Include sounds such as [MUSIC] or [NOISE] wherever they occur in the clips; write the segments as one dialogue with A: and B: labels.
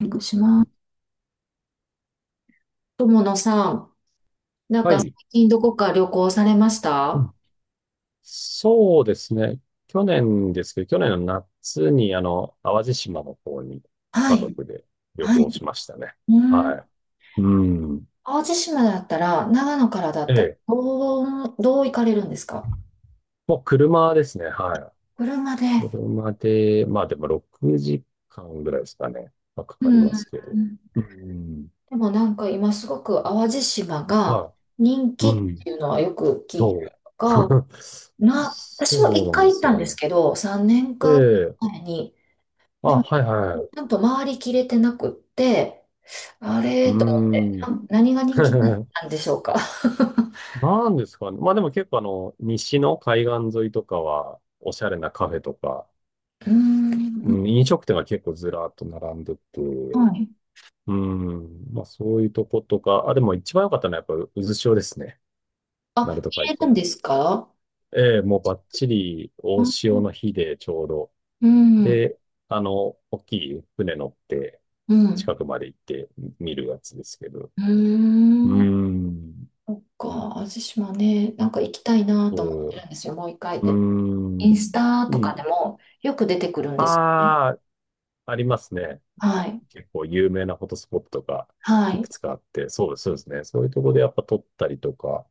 A: く友野さん、なん
B: は
A: か最
B: い。
A: 近どこか旅行されまし
B: う
A: た
B: ん。そうですね。去年ですけど、去年の夏に、淡路島の方に
A: は
B: 家
A: い、
B: 族で旅
A: はい。
B: 行しましたね。
A: うん。
B: はい。うん。
A: 淡路島だったら、長野からだっ
B: え
A: たら、
B: え。
A: どう行かれるんですか？
B: もう車ですね。は
A: 車で。
B: い。車で、まあでも6時間ぐらいですかね。まあか
A: う
B: かり
A: ん。
B: ますけど。うん。
A: でもなんか今すごく淡路島が
B: は
A: 人
B: い。
A: 気
B: う
A: っ
B: ん。
A: ていうのはよく聞いた
B: そ
A: りと
B: う。
A: か、
B: [LAUGHS]
A: 私も
B: そう
A: 一
B: なん
A: 回
B: で
A: 行っ
B: す
A: た
B: よ
A: んです
B: ね。
A: けど、3年
B: え
A: か
B: え。
A: 前に、
B: あ、
A: でも、ち
B: はいは
A: ゃんと回りきれてなくって、あ
B: い。う
A: れと思って、
B: ん。
A: 何が人気な
B: [LAUGHS]
A: んでしょうか。
B: なんですかね。まあでも結構西の海岸沿いとかは、おしゃれなカフェとか、
A: うーん、
B: うん、飲食店が結構ずらっと並んでて、
A: はい。
B: うん、まあそういうとことか、あ、でも一番良かったのはやっぱ渦潮ですね。鳴
A: あ、
B: 門
A: 入
B: 海
A: れ
B: 峡
A: るん
B: の。
A: ですか？
B: ええ、もうバッチリ
A: う
B: 大
A: ん、う
B: 潮
A: ん、
B: の日でちょうど。で、大きい船乗って
A: うん。
B: 近くまで行って見るやつですけど。
A: う
B: うー
A: ーん。
B: ん、
A: そっか、味島ね、なんか行きたいなと思って
B: そ
A: るんですよ、もう一回
B: う、うー
A: で。イン
B: ん、
A: スタ
B: う
A: とかで
B: ん。
A: もよく出てくるんですよね。
B: ああ、ありますね。
A: はい、
B: 結構有名なフォトスポットが
A: は
B: い
A: い。
B: くつかあって、そうです、そうですね。そういうところでやっぱ撮ったりとか、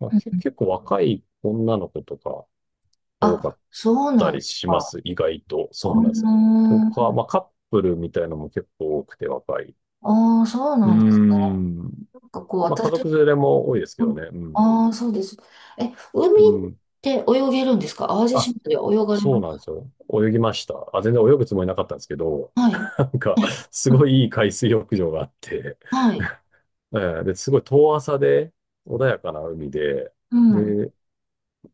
B: まあ、
A: うん。
B: 結構若い女の子とか多か
A: あ、
B: っ
A: そうな
B: た
A: ん
B: り
A: です
B: しま
A: か。
B: す。意外と。そ
A: うー
B: うなんですよ。とか、
A: ん、
B: まあカップルみたいなのも結構多くて若い。
A: ああ、そう
B: うー
A: なんです
B: ん。
A: か。こう、
B: まあ家
A: 私、
B: 族連れも多いですけどね。うん。
A: ああー、そうです。え、海
B: う
A: っ
B: ん。
A: て泳げるんですか？淡路
B: あ、
A: 島では泳がれま
B: そうなんで
A: す？
B: すよ。泳ぎました。あ、全然泳ぐつもりなかったんですけど、
A: はい。
B: [LAUGHS] なんか、すごいいい海水浴場があって、
A: はい。
B: ええで、すごい遠浅で、穏やかな海で、
A: うん。う
B: で、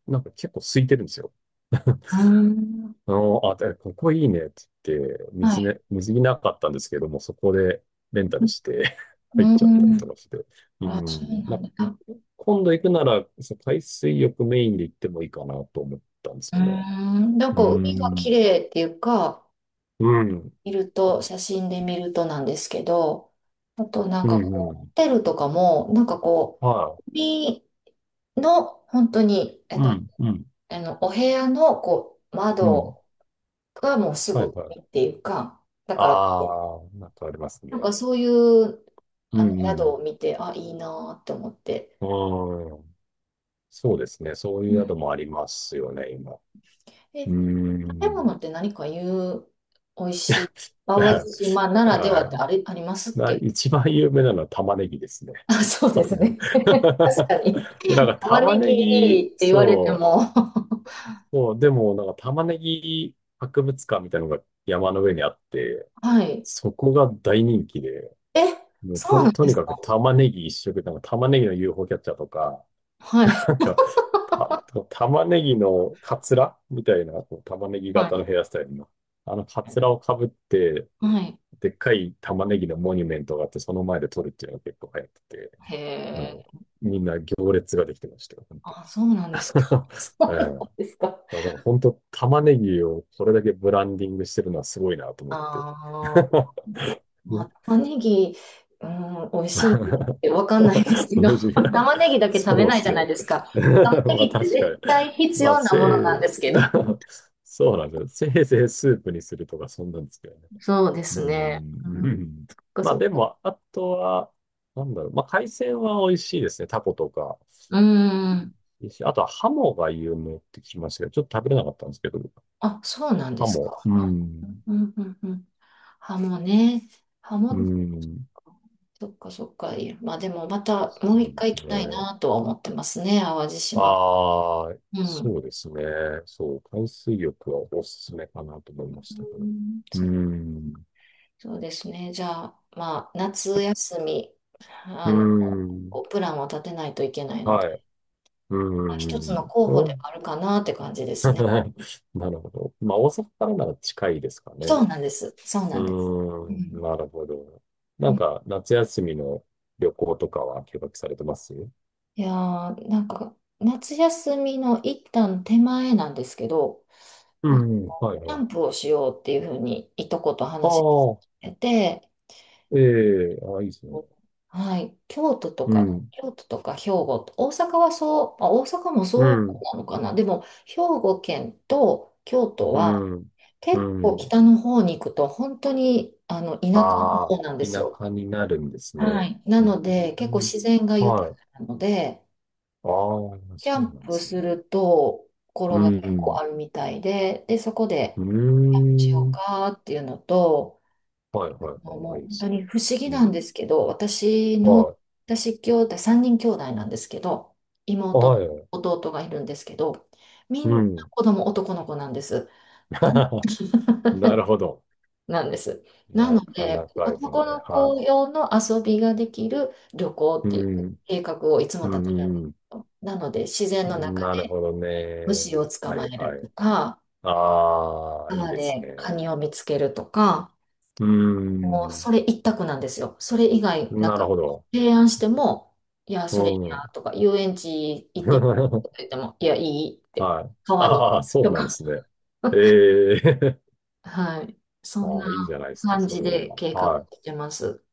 B: なんか結構空いてるんですよ。[LAUGHS]
A: ーん。
B: あ、でここいいねって言って、
A: は
B: 水
A: い。
B: ね、水着なかったんですけども、そこでレンタルして [LAUGHS]
A: う
B: 入っちゃったり
A: ー
B: と
A: ん。
B: かして。う
A: あ、そう
B: ん。
A: な
B: ま
A: ん
B: あ、
A: だ。う
B: 今度行くなら、そう海水浴メインで行ってもいいかなと思ったんで
A: ー
B: すよね。
A: ん。なん
B: う
A: か海が綺
B: ん。
A: 麗っていうか、
B: うん。
A: 見ると、写真で見るとなんですけど、あとなん
B: う
A: か
B: ん。
A: こ
B: う
A: う、ホ
B: ん。
A: テルとかも、なんかこ
B: は
A: う、海の本当に、あ
B: い。う
A: の、
B: ん。うん。
A: あのお部屋のこう、
B: うん。
A: 窓がもうす
B: はい。
A: ぐ
B: は
A: 海っ
B: い。
A: ていうか、だから、
B: ああ、なんかありますね。
A: なんかそういう
B: う
A: あ
B: ん。
A: の
B: う
A: 宿
B: ん。
A: を見て、あ、いいなーって思って。
B: あん。そうですね。そうい
A: う
B: う
A: ん。
B: 宿もありますよね、今。う
A: え、
B: ー
A: 食べ物
B: ん。
A: って何か言う、
B: [LAUGHS]
A: 淡路
B: は
A: 島ならではってあれ、ありますっ
B: いな
A: け？
B: 一番有名なのは玉ねぎですね。
A: [LAUGHS] あ、そうで
B: 多
A: す
B: 分
A: ね。[LAUGHS]
B: [LAUGHS]
A: 確かに。
B: でなんか
A: 玉
B: 玉
A: ね
B: ね
A: ぎっ
B: ぎ、
A: て言われて
B: そ
A: も。
B: う、そう、でもなんか玉ねぎ博物館みたいなのが山の上にあって、
A: [LAUGHS] はい。
B: そこが大人気で、
A: え、
B: もう
A: そうなん
B: と
A: で
B: に
A: す
B: か
A: か？
B: く玉ねぎ一色、なんか玉ねぎの UFO キャッチャーとか、
A: はい。
B: なんか、
A: [LAUGHS]
B: 玉ねぎのカツラみたいな、こう玉ねぎ
A: は
B: 型
A: い。
B: のヘアスタイルの、あのカツラをかぶって、
A: はい。
B: でっかい玉ねぎのモニュメントがあって、その前で撮るっていうのが結構流行ってて、
A: へえ。
B: もう、みんな行列ができてましたよ、本当。
A: あ、そうなんですか。[LAUGHS] そ
B: [LAUGHS] ええ
A: うなんですか。
B: だから本当、玉ねぎをこれだけブランディングしてるのはすごいなと思って。
A: ああ。
B: [LAUGHS]
A: まあ、玉ねぎ、うん、美味しい
B: [LAUGHS]
A: ってわかんないですけど、
B: 無
A: [LAUGHS]
B: 事が、
A: 玉ねぎだけ食べ
B: そうで
A: ないじ
B: す
A: ゃ
B: ね。
A: ないですか。玉ね
B: [LAUGHS] まあ
A: ぎって
B: 確かに。
A: 絶対必
B: まあ、
A: 要なものなんですけど。
B: [LAUGHS] そうなんですよ。せいぜいスープにするとか、そんなんですけどね。
A: そうで
B: うー
A: す
B: ん。
A: ね。う
B: う
A: ん、
B: ん
A: そっか
B: まあ
A: そっ
B: で
A: か。
B: も、あとは、なんだろう。まあ海鮮は美味しいですね。タコとか。
A: うん。
B: いいしあとはハモが有名って聞きましたけど、ちょっと食べれなかったんですけど、
A: あ、そうなんで
B: ハ
A: す
B: モ。う
A: か。う
B: ん。
A: んうんうん。ハモね。ハ
B: う
A: モ、
B: ん。
A: そっか。いやまあでもまたもう
B: そ
A: 一
B: うで
A: 回行
B: す
A: きたい
B: ね。
A: なとは思ってますね。淡路島。
B: ああ、
A: う
B: そ
A: ん。
B: うですね。そう、海水浴はおすすめかなと思いましたけ
A: う
B: ど。
A: ん、
B: うー
A: そっか。
B: ん、う
A: そうですね。じゃあ、まあ、夏休み、
B: ー
A: あの、
B: ん、
A: こうプランを立てないといけないので、
B: はい、うー
A: まあ一つの
B: ん、
A: 候補で
B: お
A: はあるかなって感じで
B: [LAUGHS]、
A: すね。
B: なるほど。まあ、大阪からなら近いですか
A: そ
B: ね。
A: うなんです。そう
B: う
A: なんです。う
B: ー
A: ん。
B: ん、なるほど。
A: う
B: なん
A: ん。
B: か、夏休みの旅行とかは計画されてます？
A: いやー、なんか、夏休みの一旦手前なんですけど、
B: うん、はい
A: キ
B: は
A: ャ
B: い。
A: ンプをしようっていうふうに、いとこと
B: あ
A: 話し
B: あ、
A: てて、
B: ええああ、いいですね。
A: はい、京都と
B: う
A: か、
B: ん、
A: 京都とか兵庫、大阪はそう、まあ、大阪も
B: う
A: そ
B: ん、
A: うなのかな、でも兵庫県と京都
B: う
A: は
B: ん、
A: 結
B: う
A: 構
B: ん。
A: 北の方に行くと本当にあの田舎の
B: ああ、
A: 方なんです
B: 田
A: よ。
B: 舎になるんです
A: は
B: ね。
A: い、な
B: うー
A: ので結構
B: ん、
A: 自然が豊
B: は
A: か
B: い。
A: なので、
B: ああ、
A: キ
B: そ
A: ャ
B: う
A: ン
B: なんで
A: プ
B: す
A: す
B: ね。
A: るとこ
B: う
A: ろが結構
B: ん、
A: あるみたいで、で、そこで
B: う
A: しよ
B: ん。
A: う
B: うーん。
A: かっていうのと、
B: はいはい
A: あも
B: はい。いい
A: う
B: っ
A: 本当
B: すね。
A: に不思議
B: う
A: な
B: ん。
A: んですけど、
B: は
A: 私兄弟、3人兄弟なんですけど、
B: い。
A: 妹、
B: はい。
A: 弟がいるんですけど、みん
B: う
A: な
B: ん。
A: 子供男の子なんです。
B: [LAUGHS] なる
A: [LAUGHS]
B: ほど。
A: なんです。な
B: な
A: の
B: か
A: で、
B: なかですね。
A: 男の子
B: は
A: 用の遊びができる旅行
B: い。
A: っ
B: う
A: ていう
B: ん。
A: 計画をいつも
B: う
A: 立てるんで
B: ん。
A: す
B: うん
A: よ。なので、自然の中
B: なる
A: で
B: ほどね。
A: 虫を捕
B: は
A: まえ
B: いは
A: ると
B: い。
A: か、
B: ああ、いい
A: 川
B: です
A: でカ
B: ね。
A: ニを見つけるとか、
B: う
A: もう
B: ん。
A: それ一択なんですよ。それ以外、なん
B: なる
A: か
B: ほど。
A: 提案しても、いや、
B: う
A: それいいな
B: ん。
A: とか、遊園地行ってみるとか
B: [LAUGHS]
A: 言っても、いや、いいって、
B: はい。
A: 川に
B: ああ、そう
A: と
B: なんで
A: か、
B: すね。
A: [LAUGHS]
B: ええ
A: はい。
B: [LAUGHS]
A: そん
B: あ
A: な
B: あ、いいじゃないですか、
A: 感
B: そ
A: じ
B: れ
A: で
B: は。
A: 計画
B: はい。
A: してます。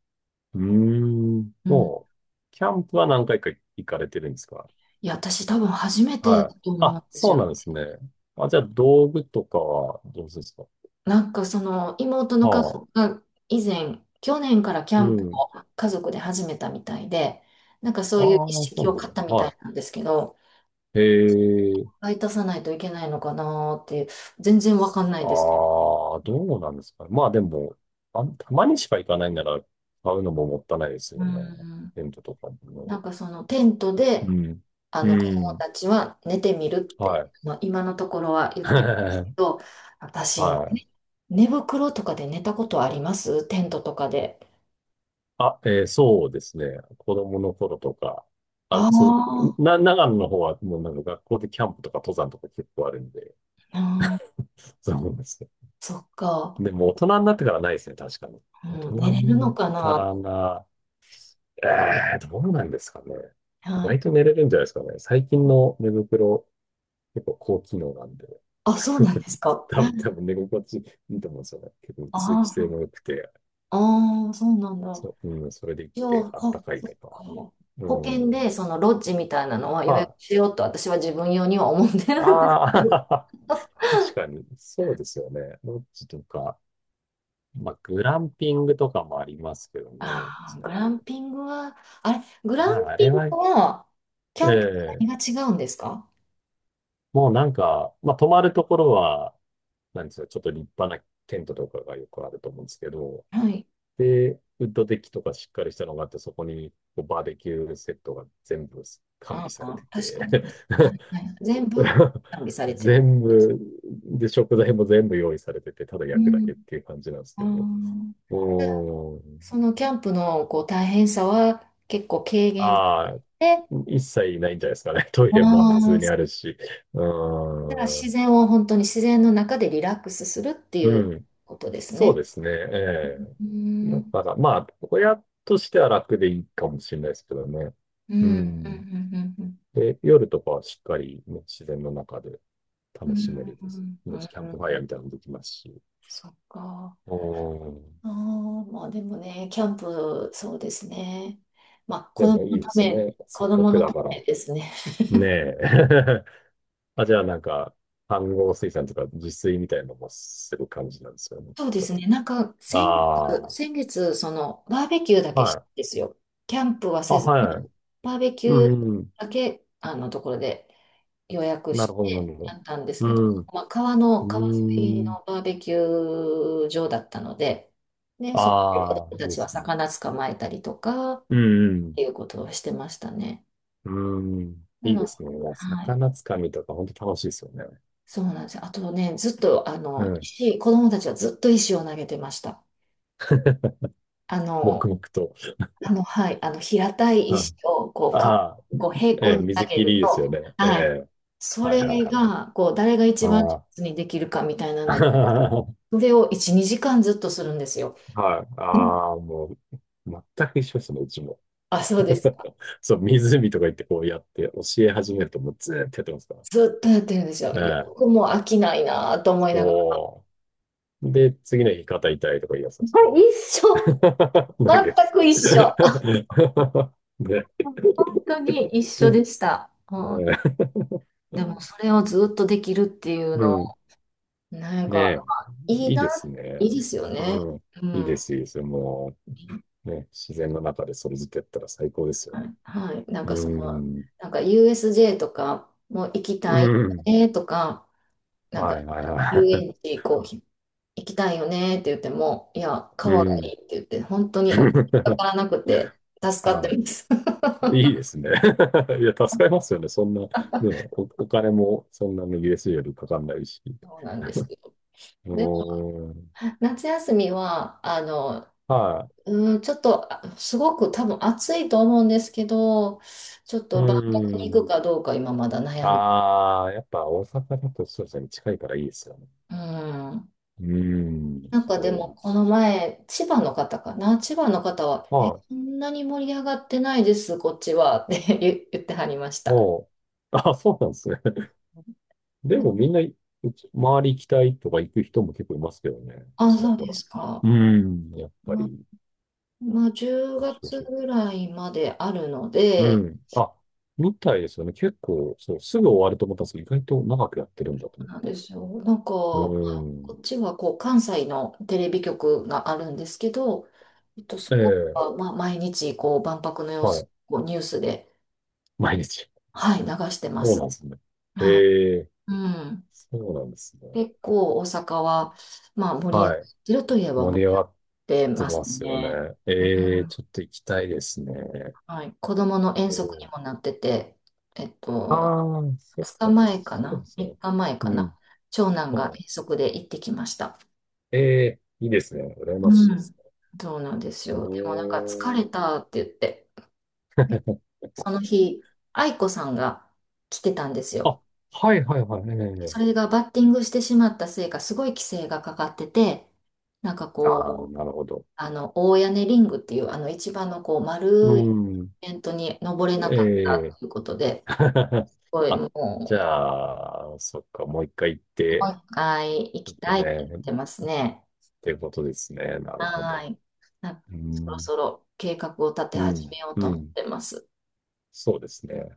B: うーん。
A: うん。
B: もう、キャンプは何回か行かれてるんですか？
A: いや、私多分初めて
B: は
A: だ
B: い。
A: と思うん
B: あ、
A: です
B: そう
A: よ。
B: なんですね。あ、じゃあ、道具とかはどうですか？
A: なんかその妹の
B: は
A: 家
B: あ。
A: 族が以前、去年からキャ
B: う
A: ンプ
B: ん。
A: を家族で始めたみたいで、なんかそ
B: あ
A: ういう意
B: あ、そ
A: 識
B: うで
A: を
B: す
A: 買っ
B: ね。
A: たみたい
B: は
A: なんですけど、
B: い。へえ。
A: 買い足さないといけないのかなーって、全然わかんないんですけど。
B: ああ、どうなんですかねまあでも、あ、たまにしか行かないなら、買うのももったいないです
A: う
B: よね。
A: ん。
B: テントとかもね。
A: なんかそのテント
B: う
A: で、
B: ん。
A: あ
B: う
A: の、子供
B: ん。
A: たちは寝てみるっ
B: は
A: て、
B: い。
A: まあ、今のところは言っ
B: [LAUGHS]
A: てるんで
B: は
A: すけ
B: い。
A: ど、私、
B: あ、
A: 寝袋とかで寝たことあります？テントとかで。
B: えーそうですね。子供の頃とか。あ、
A: あ
B: そう、
A: ー。
B: 長野の方はもうなんか学校でキャンプとか登山とか結構あるんで、
A: あー、
B: そうですね。
A: そっか。
B: でも大人になってからないですね、確かに。大
A: う
B: 人
A: ん、寝れる
B: にな
A: の
B: っ
A: か
B: た
A: な？
B: らな、えー、どうなんですかね。意
A: は
B: 外
A: い。
B: と寝れるんじゃないですかね。最近の寝袋、結構高機能なんで。
A: あ、そうなんで
B: [LAUGHS]
A: すか。
B: 多分、多分寝心地いいと思うんですよね。結構通気性
A: あ
B: も良くて、
A: あ、ああ、そうなんだ。
B: そう、うん、それでいっ
A: 一
B: て
A: 応、
B: あっ
A: ほ
B: たかい
A: そっ
B: と
A: か
B: か。う
A: 保険
B: ん。
A: でそのロッジみたいなのは
B: ま
A: 予約
B: あ、
A: しようと私は自分用には思ってるんです
B: あ
A: けど。
B: あ、
A: [LAUGHS]
B: [LAUGHS] 確かに、そうですよね。ロッジとか、まあ、グランピングとかもありますけどね。
A: ああ、グ
B: 最
A: ラン
B: 近
A: ピングは、あれ、グラ
B: ま
A: ン
B: あ、あ
A: ピ
B: れ
A: ン
B: は、
A: グは、キャンプと
B: ええ
A: 何が違うんですか？
B: もうなんか、まあ、泊まるところは、なんですか、ちょっと立派なテントとかがよくあると思うんですけど、
A: はい。
B: で、ウッドデッキとかしっかりしたのがあって、そこにこうバーベキューセットが全部完
A: あ
B: 備され
A: あ、
B: て
A: 確か
B: て、
A: に。はい、はい全部
B: [LAUGHS]
A: 完備されてる
B: 全
A: ってやつ。
B: 部、で、食材も全部用意されてて、ただ
A: う
B: 焼くだ
A: ん。
B: けっていう感じなんです
A: あ
B: けど、
A: あ。で
B: うん。
A: そのキャンプのこう大変さは結構軽減し
B: ああ、
A: て、
B: 一切ないんじゃないですかね。[LAUGHS] トイ
A: あ
B: レも普通
A: あ、
B: にあるし。う
A: だから自
B: ん。
A: 然を本当に自然の中でリラックスするっていう
B: うん。
A: ことです
B: そう
A: ね。
B: ですね。え
A: うん、
B: え。
A: う
B: だ
A: ん、
B: から、まあ、親としては楽でいいかもしれないですけどね。
A: う
B: う
A: ん、う
B: ん。
A: ん、
B: で、夜とかはしっかり、ね、自然の中で
A: うん、
B: 楽
A: う
B: しめ
A: ん、
B: る
A: う
B: です。
A: んう
B: もしキャンプ
A: ん
B: ファ
A: う
B: イヤ
A: ん。
B: ーみたいなのもできますし。
A: そっか。
B: うん。
A: ああ、まあでもね、キャンプ、そうですね。まあ子
B: で
A: 供
B: もい
A: の
B: いで
A: た
B: す
A: め、
B: ね。せ
A: 子
B: っか
A: 供
B: く
A: の
B: だ
A: た
B: か
A: め
B: ら。
A: ですね。
B: ねえ。[LAUGHS] あ、じゃあなんか、飯合水産とか自炊みたいなのもする感じなんですよね、き
A: そ
B: っ
A: うです
B: と。
A: ね、なんか先月、
B: あ
A: 先月、そのバーベキューだ
B: あ、
A: けし
B: は
A: た
B: い。
A: んですよ。キャンプは
B: あ、
A: せず
B: はい。
A: に、バーベキ
B: う
A: ュー
B: ん。うん
A: だけ、あのところで。予約
B: な
A: し
B: るほど、な
A: て
B: るほ
A: や
B: ど。
A: ったんですけど、
B: うん。
A: 川沿い
B: うん。
A: のバーベキュー場だったので、で、そこで子
B: ああ、
A: 供
B: い
A: た
B: いで
A: ち
B: す
A: は
B: ね。
A: 魚捕まえたりとか、っ
B: うん。
A: ていうことをしてましたね。
B: うん。うん
A: な
B: いいで
A: の、
B: すね。いや
A: はい。
B: 魚つかみとか本当楽しいですよね。
A: そうなんですよ。あとね、ずっと、あ
B: う
A: の、
B: ん。
A: 石、子供たちはずっと石を投げてました。あの、
B: 黙々と。
A: あの、平たい
B: う
A: 石
B: ん。
A: を、
B: ああ、
A: こう平
B: え
A: 行
B: え、
A: に投
B: 水
A: げ
B: 切りい
A: る
B: いです
A: と、
B: よね。え
A: はい。
B: え、
A: そ
B: はいはい
A: れ
B: はい。
A: が、こう、誰が一番上
B: ああ。
A: 手にできるかみたいなので、
B: [LAUGHS]
A: それを1、2時間ずっとするんですよ。
B: はい。
A: うん。
B: ああ、もう、全く一緒ですね、うちも。
A: あ、そう
B: [LAUGHS]
A: ですか。
B: そう、湖とか行ってこうやって教え始めるともうずーっとやってますから。
A: ずっとやってるんですよ。
B: え
A: よ
B: え。
A: くもう飽きないなぁと思いながら。
B: おー。で、次の日肩痛いとか言い出すんですか？
A: はい、一緒。
B: [LAUGHS] 投げ
A: 全
B: です。
A: く一
B: [LAUGHS]
A: 緒。
B: ね。
A: 本当に一緒でした。うん、
B: ね
A: でも、それをずっとできるっていう
B: う
A: の、
B: ん。
A: なん
B: ね
A: か、
B: え。
A: まあいい
B: いい
A: な、
B: ですね。
A: いいですよね。
B: うん。
A: う
B: いい
A: ん。
B: で
A: は
B: す、いいです。もう、ね、自然の中でそれずっとやったら最高ですよね。
A: い。はい。なんか
B: う
A: その、
B: ん。
A: なんか USJ とかも行き
B: う
A: たい
B: ん。
A: ねとか、なんか
B: はい、はい、は
A: 遊園
B: い。
A: 地こう行きたいよねって言っても、いや、
B: [LAUGHS] う
A: 川がいい
B: ん。
A: って言って、本当にお金か
B: [LAUGHS]
A: からなくて助か
B: あ
A: っ
B: あ、
A: てます。[LAUGHS]
B: いいですね。[LAUGHS] いや、助かりますよね。そんな、ね、お金もそんなに USJ よりかかんないし。
A: そうなんですよ。
B: う
A: で、
B: ーん。
A: 夏休みは、あの、
B: は
A: うん、ちょっと、あすごく多分暑いと思うんですけど、ちょっ
B: い。う
A: と万博
B: ー
A: に行く
B: ん。
A: かどうか今まだ悩んで、
B: ああ、やっぱ大阪だとそうですね。近いからいいですよね。
A: うん。
B: うーん。
A: なんかで
B: そう
A: も、
B: で
A: この
B: す。
A: 前、千葉の方かな、千葉の方は、え、
B: はい。
A: そんなに盛り上がってないです、こっちは、って言ってはりました。
B: もう、あ、そうなんですね。[LAUGHS] でもみんな、うち周り行きたいとか行く人も結構いますけどね。
A: あ、
B: ちら
A: そう
B: ほ
A: で
B: ら。
A: すか。
B: うーん。やっぱ
A: まあ
B: り。
A: まあ、10月ぐらいまであるの
B: う
A: で、
B: ん。あ、みたいですよね。結構、そう、すぐ終わると思ったんですけど、意外と長くやってるん
A: そ
B: だと
A: う
B: 思っ
A: なんで
B: て。
A: すよ。なんか、こ
B: うん。
A: っちはこう関西のテレビ局があるんですけど、えっと、そ
B: え
A: こ
B: え、
A: はまあ毎日こう万博の様
B: は
A: 子、
B: い。
A: こうニュースで、
B: 毎日。
A: はい、流してま
B: そうな
A: す。
B: んですね。え
A: は
B: え、
A: い。うん。
B: そうなんですね。
A: 結構大阪は、まあ、盛り上が
B: は
A: っ
B: い。
A: てるといえば盛
B: 盛り
A: り
B: 上
A: 上が
B: が
A: っ
B: っ
A: て
B: て
A: ます
B: ますよね。
A: ね。うん。
B: ええ、ちょっと行きたいですね。
A: はい。子供の遠
B: うん。
A: 足にもなってて、えっと、
B: ああ、そっ
A: 2
B: か、
A: 日前か
B: そうで
A: な？
B: すね。
A: 3 日前か
B: う
A: な？
B: ん。
A: 長男が
B: は
A: 遠足で行ってきました。
B: い。ええ、いいですね。羨ましい
A: う
B: で
A: ん。
B: すね。
A: そうなんです
B: う
A: よ。でもなんか疲
B: ーん。
A: れたって言って、その日、愛子さんが来てたんですよ。
B: あ、はいはいはい。え
A: そ
B: え。
A: れがバッティングしてしまったせいか、すごい規制がかかってて、なんか
B: ああ、
A: こう、
B: なるほど。
A: あの、大屋根リングっていう、あの、一番のこう、
B: う
A: 丸いイ
B: ん。
A: ベントに登れなかっ
B: え
A: た
B: え
A: ということで、
B: [LAUGHS]
A: すごいも
B: あ、じ
A: う、
B: ゃあ、そっか、もう一回行っ
A: もう
B: て、
A: 一回行
B: ちょ
A: き
B: っと
A: たいって
B: ね、
A: 言
B: っ
A: ってますね。
B: てことですね。なるほ
A: は
B: ど。
A: い。な
B: う
A: そろ
B: ん、
A: そろ計画を立て
B: う
A: 始
B: ん、
A: めようと
B: う
A: 思っ
B: ん。
A: てます。
B: そうですね。